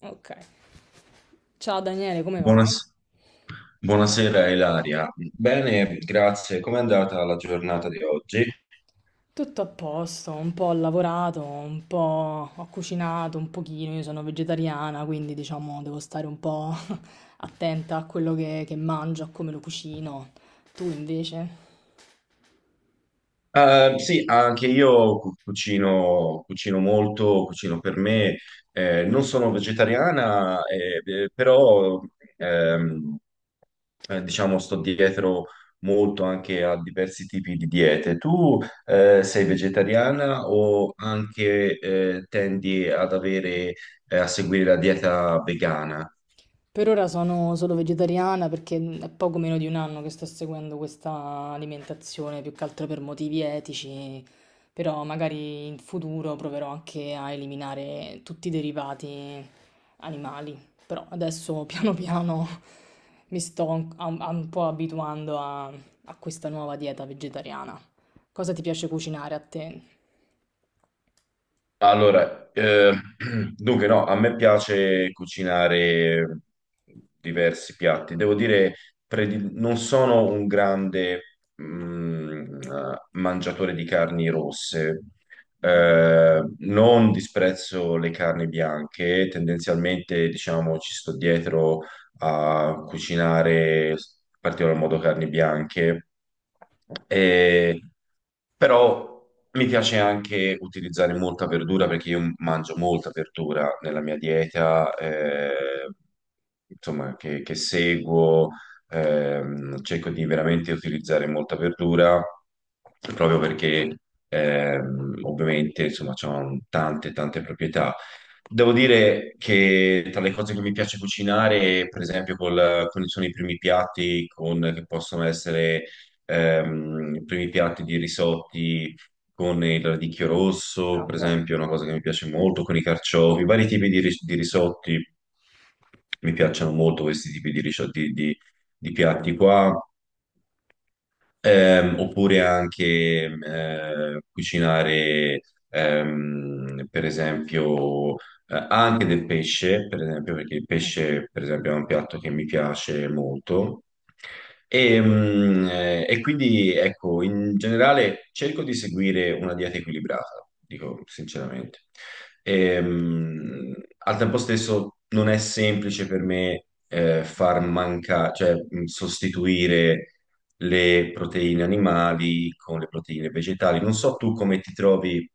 Ok. Ciao Daniele, come va? Buonas- Buonasera Ilaria. Bene, grazie. Com'è andata la giornata di oggi? Tutto a posto, un po' ho lavorato, un po' ho cucinato un pochino, io sono vegetariana, quindi diciamo devo stare un po' attenta a quello che mangio, a come lo cucino. Tu invece? Sì, anche io cucino, cucino molto, cucino per me. Non sono vegetariana, però ehm, diciamo sto dietro molto anche a diversi tipi di diete. Tu sei vegetariana o anche tendi ad avere, a seguire la dieta vegana? Per ora sono solo vegetariana perché è poco meno di un anno che sto seguendo questa alimentazione, più che altro per motivi etici, però magari in futuro proverò anche a eliminare tutti i derivati animali. Però adesso piano piano mi sto un po' abituando a questa nuova dieta vegetariana. Cosa ti piace cucinare a te? Allora, dunque no, a me piace cucinare diversi piatti. Devo dire, non sono un grande mangiatore di carni rosse. Non disprezzo le carni bianche, tendenzialmente, diciamo, ci sto dietro a cucinare in particolar modo carni bianche, e, però mi piace anche utilizzare molta verdura perché io mangio molta verdura nella mia dieta, insomma, che seguo, cerco di veramente utilizzare molta verdura proprio perché ovviamente insomma, c'hanno tante tante proprietà. Devo dire che tra le cose che mi piace cucinare, per esempio, col, quali sono i primi piatti che possono essere i primi piatti di risotti con il radicchio rosso, Ah, per buono. esempio, è una cosa che mi piace molto, con i carciofi, vari tipi di, di risotti. Mi piacciono molto questi tipi di, di piatti qua. Oppure anche cucinare, per esempio, anche del pesce, per esempio, perché il pesce, per esempio, è un piatto che mi piace molto. E quindi, ecco, in generale cerco di seguire una dieta equilibrata, dico sinceramente. Ehm, al tempo stesso non è semplice per me far mancare, cioè sostituire le proteine animali con le proteine vegetali. Non so tu come ti trovi,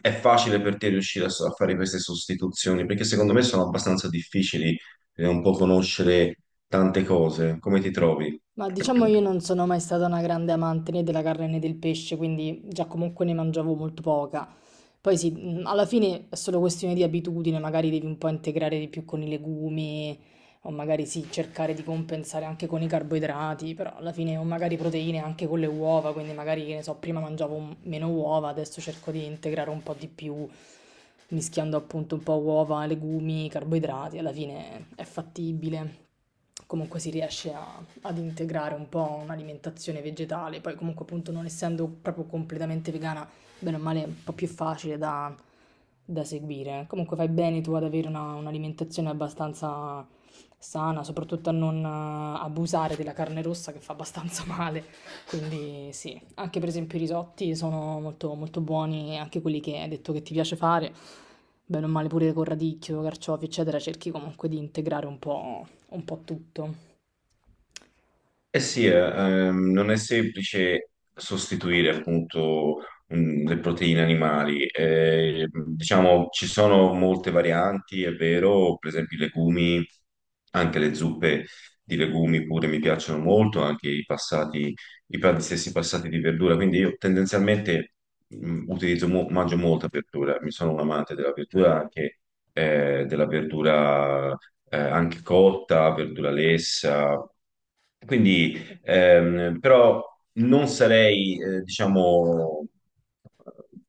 è facile per te riuscire a, a fare queste sostituzioni, perché secondo me sono abbastanza difficili e un po' conoscere tante cose. Come ti trovi? Ma diciamo io non sono mai stata una grande amante né della carne né del pesce, quindi già comunque ne mangiavo molto poca. Poi sì, alla fine è solo questione di abitudine, magari devi un po' integrare di più con i legumi, o magari sì, cercare di compensare anche con i carboidrati, però alla fine, o magari proteine anche con le uova, quindi magari, che ne so, prima mangiavo meno uova, adesso cerco di integrare un po' di più, mischiando appunto un po' uova, legumi, carboidrati, alla fine è fattibile. Comunque si riesce ad integrare un po' un'alimentazione vegetale, poi comunque appunto non essendo proprio completamente vegana bene o male un po' più facile da seguire. Comunque fai bene tu ad avere un'alimentazione abbastanza sana, soprattutto a non abusare della carne rossa che fa abbastanza male. Quindi sì, anche per esempio i risotti sono molto, molto buoni, anche quelli che hai detto che ti piace fare, bene o male pure con radicchio, carciofi, eccetera, cerchi comunque di integrare un po' tutto. Eh sì, non è semplice sostituire appunto le proteine animali. Diciamo, ci sono molte varianti, è vero, per esempio i legumi, anche le zuppe di legumi pure mi piacciono molto, anche i passati, gli stessi passati di verdura, quindi io tendenzialmente mangio molta verdura, mi sono un amante della verdura anche cotta, verdura lessa. Quindi, però non sarei, diciamo,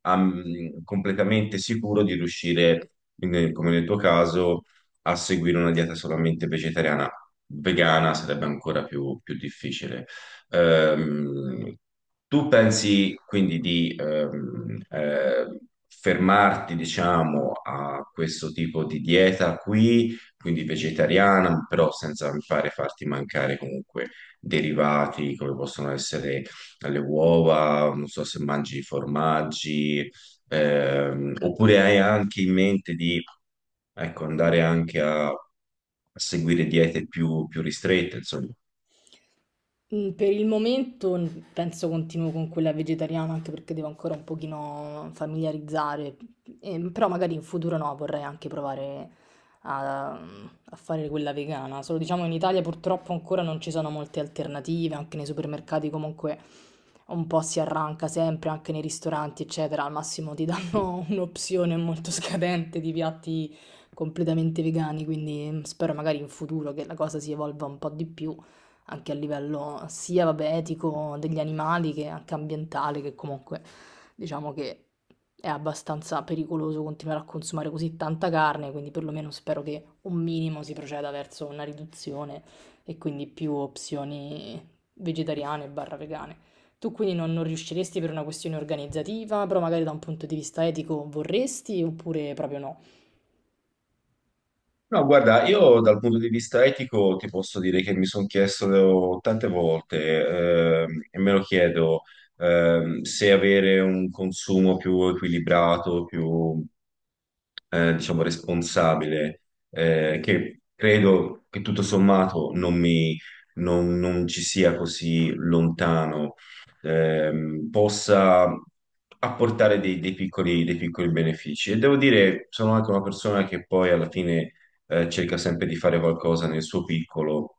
completamente sicuro di riuscire, come nel tuo caso, a seguire una dieta solamente vegetariana. Vegana sarebbe ancora più difficile. Ehm, tu pensi quindi di fermarti, diciamo, a questo tipo di dieta qui, quindi vegetariana, però senza mi pare farti mancare comunque derivati come possono essere le uova, non so se mangi formaggi, oppure hai anche in mente di ecco, andare anche a seguire diete più ristrette, insomma. Mm. Per il momento penso continuo con quella vegetariana anche perché devo ancora un pochino familiarizzare. Però magari in futuro no, vorrei anche provare a fare quella vegana. Solo diciamo in Italia purtroppo ancora non ci sono molte alternative, anche nei supermercati comunque un po' si arranca sempre, anche nei ristoranti eccetera, al massimo ti danno un'opzione molto scadente di piatti completamente vegani, quindi mm, spero magari in futuro che la cosa si evolva un po' di più. Anche a livello sia, vabbè, etico degli animali che anche ambientale, che comunque diciamo che è abbastanza pericoloso continuare a consumare così tanta carne, quindi perlomeno spero che un minimo si proceda verso una riduzione e quindi più opzioni vegetariane barra vegane. Tu quindi non riusciresti per una questione organizzativa, però magari da un punto di vista etico vorresti oppure proprio no? No, guarda, io dal punto di vista etico ti posso dire che mi sono chiesto tante volte, e me lo chiedo, se avere un consumo più equilibrato, più, diciamo, responsabile, che credo che tutto sommato non mi, non ci sia così lontano, possa apportare dei piccoli benefici. E devo dire, sono anche una persona che poi alla fine cerca sempre di fare qualcosa nel suo piccolo,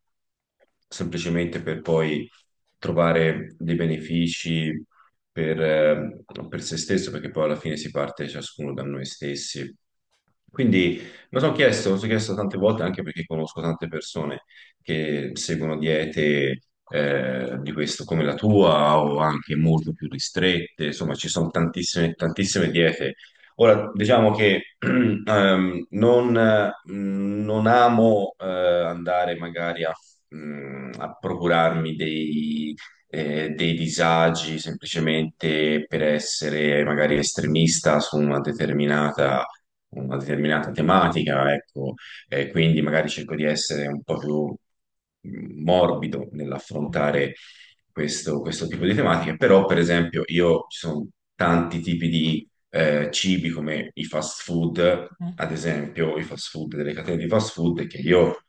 semplicemente per poi trovare dei benefici per, eh, per se stesso, perché poi alla fine si parte ciascuno da noi stessi. Quindi me lo sono chiesto, me lo sono chiesto tante volte anche perché conosco tante persone che seguono diete di questo come la tua o anche molto più ristrette, insomma ci sono tantissime, tantissime diete. Ora, diciamo che non amo andare magari a procurarmi dei disagi semplicemente per essere magari estremista su una determinata tematica, ecco, e quindi magari cerco di essere un po' più morbido Mm, nell'affrontare questo, questo tipo di tematiche, però per esempio io ci sono tanti tipi di cibi come i fast food, ad esempio i fast food delle catene di fast food, che io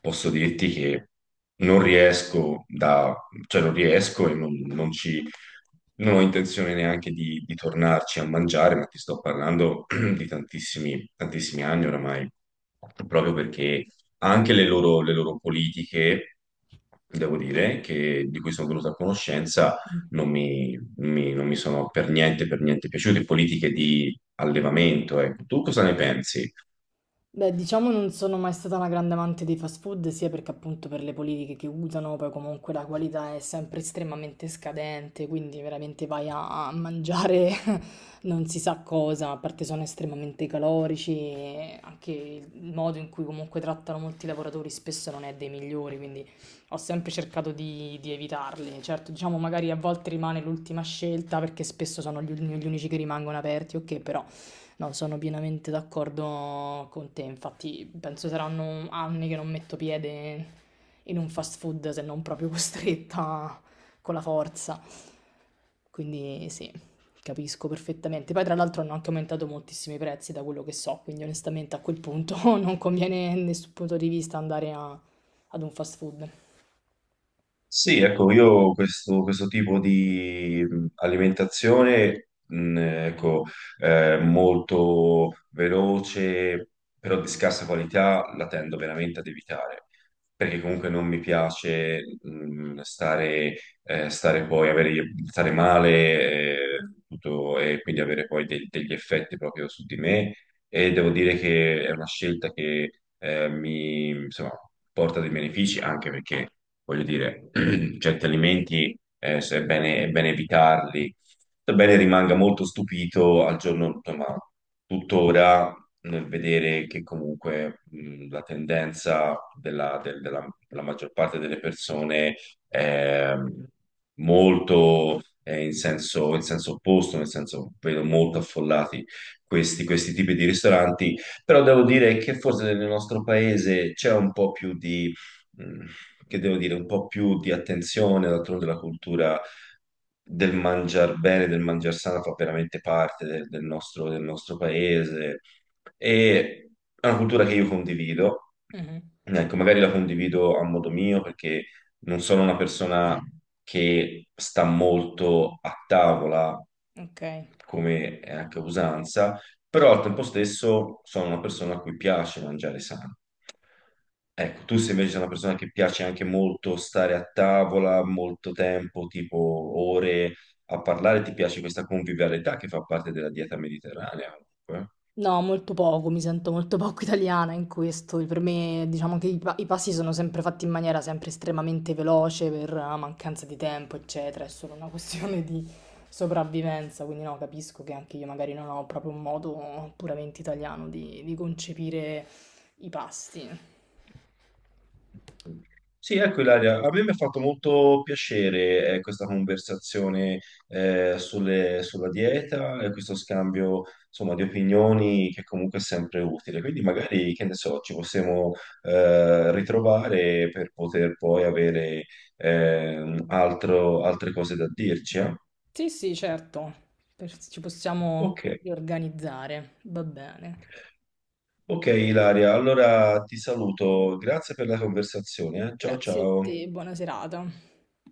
posso dirti che non riesco da, cioè non riesco non ci, non ho intenzione neanche di tornarci a mangiare, ma ti sto parlando di tantissimi, tantissimi anni oramai, proprio perché anche le loro politiche, devo dire, che, di cui sono venuto a conoscenza, mm. non mi, non mi sono per niente piaciute, politiche di allevamento, ecco. Tu cosa ne pensi? Beh, diciamo non sono mai stata una grande amante dei fast food, sia perché appunto per le politiche che usano, poi comunque la qualità è sempre estremamente scadente, quindi veramente vai a mangiare non si sa cosa, a parte sono estremamente calorici, e anche il modo in cui comunque trattano molti lavoratori spesso non è dei migliori, quindi ho sempre cercato di evitarli. Certo, diciamo magari a volte rimane l'ultima scelta perché spesso sono gli unici che rimangono aperti, ok, però... No, sono pienamente d'accordo con te, infatti penso saranno anni che non metto piede in un fast food se non proprio costretta con la forza. Quindi sì, capisco perfettamente. Poi tra l'altro hanno anche aumentato moltissimi i prezzi da quello che so, quindi onestamente a quel punto non conviene a nessun punto di vista andare ad un fast food. Sì, ecco, io questo, questo tipo di alimentazione, ecco, molto veloce, però di scarsa qualità, la tendo veramente ad evitare, perché comunque non mi piace, stare, stare male, tutto, e quindi avere poi degli effetti proprio su di me e devo dire che è una scelta che mi insomma, porta dei benefici anche perché, voglio dire, certi alimenti se è bene, è bene evitarli. Sebbene rimanga molto stupito al giorno, insomma, tuttora nel vedere che comunque la tendenza della maggior parte delle persone è molto in senso opposto, nel senso vedo molto affollati questi, questi tipi di ristoranti, però devo dire che forse nel nostro paese c'è un po' più di, mh, che devo dire, un po' più di attenzione, d'altronde la cultura del mangiar bene, del mangiar sano fa veramente parte del nostro paese e è una cultura che io condivido, Mhm. ecco, magari la condivido a modo mio perché non sono una persona che sta molto a tavola, Ok. come è anche usanza, però al tempo stesso sono una persona a cui piace mangiare sano. Ecco, tu sei invece sei una persona che piace anche molto stare a tavola, molto tempo, tipo ore a parlare, ti piace questa convivialità che fa parte della dieta mediterranea. Comunque. No, molto poco, mi sento molto poco italiana in questo. Per me, diciamo che i passi sono sempre fatti in maniera sempre estremamente veloce per mancanza di tempo, eccetera. È solo una questione di sopravvivenza. Quindi, no, capisco che anche io magari non ho proprio un modo puramente italiano di concepire i pasti. Sì, ecco Ilaria, a me mi ha fatto molto piacere questa conversazione sulla dieta e questo scambio insomma, di opinioni che comunque è sempre utile. Quindi magari, che ne so, ci possiamo ritrovare per poter poi avere altre cose da dirci. Eh? Sì, sì, certo, per- ci possiamo Ok, riorganizzare. Va bene. ok Ilaria, allora ti saluto, grazie per la conversazione. Eh. Ciao Grazie a ciao. te, buona serata.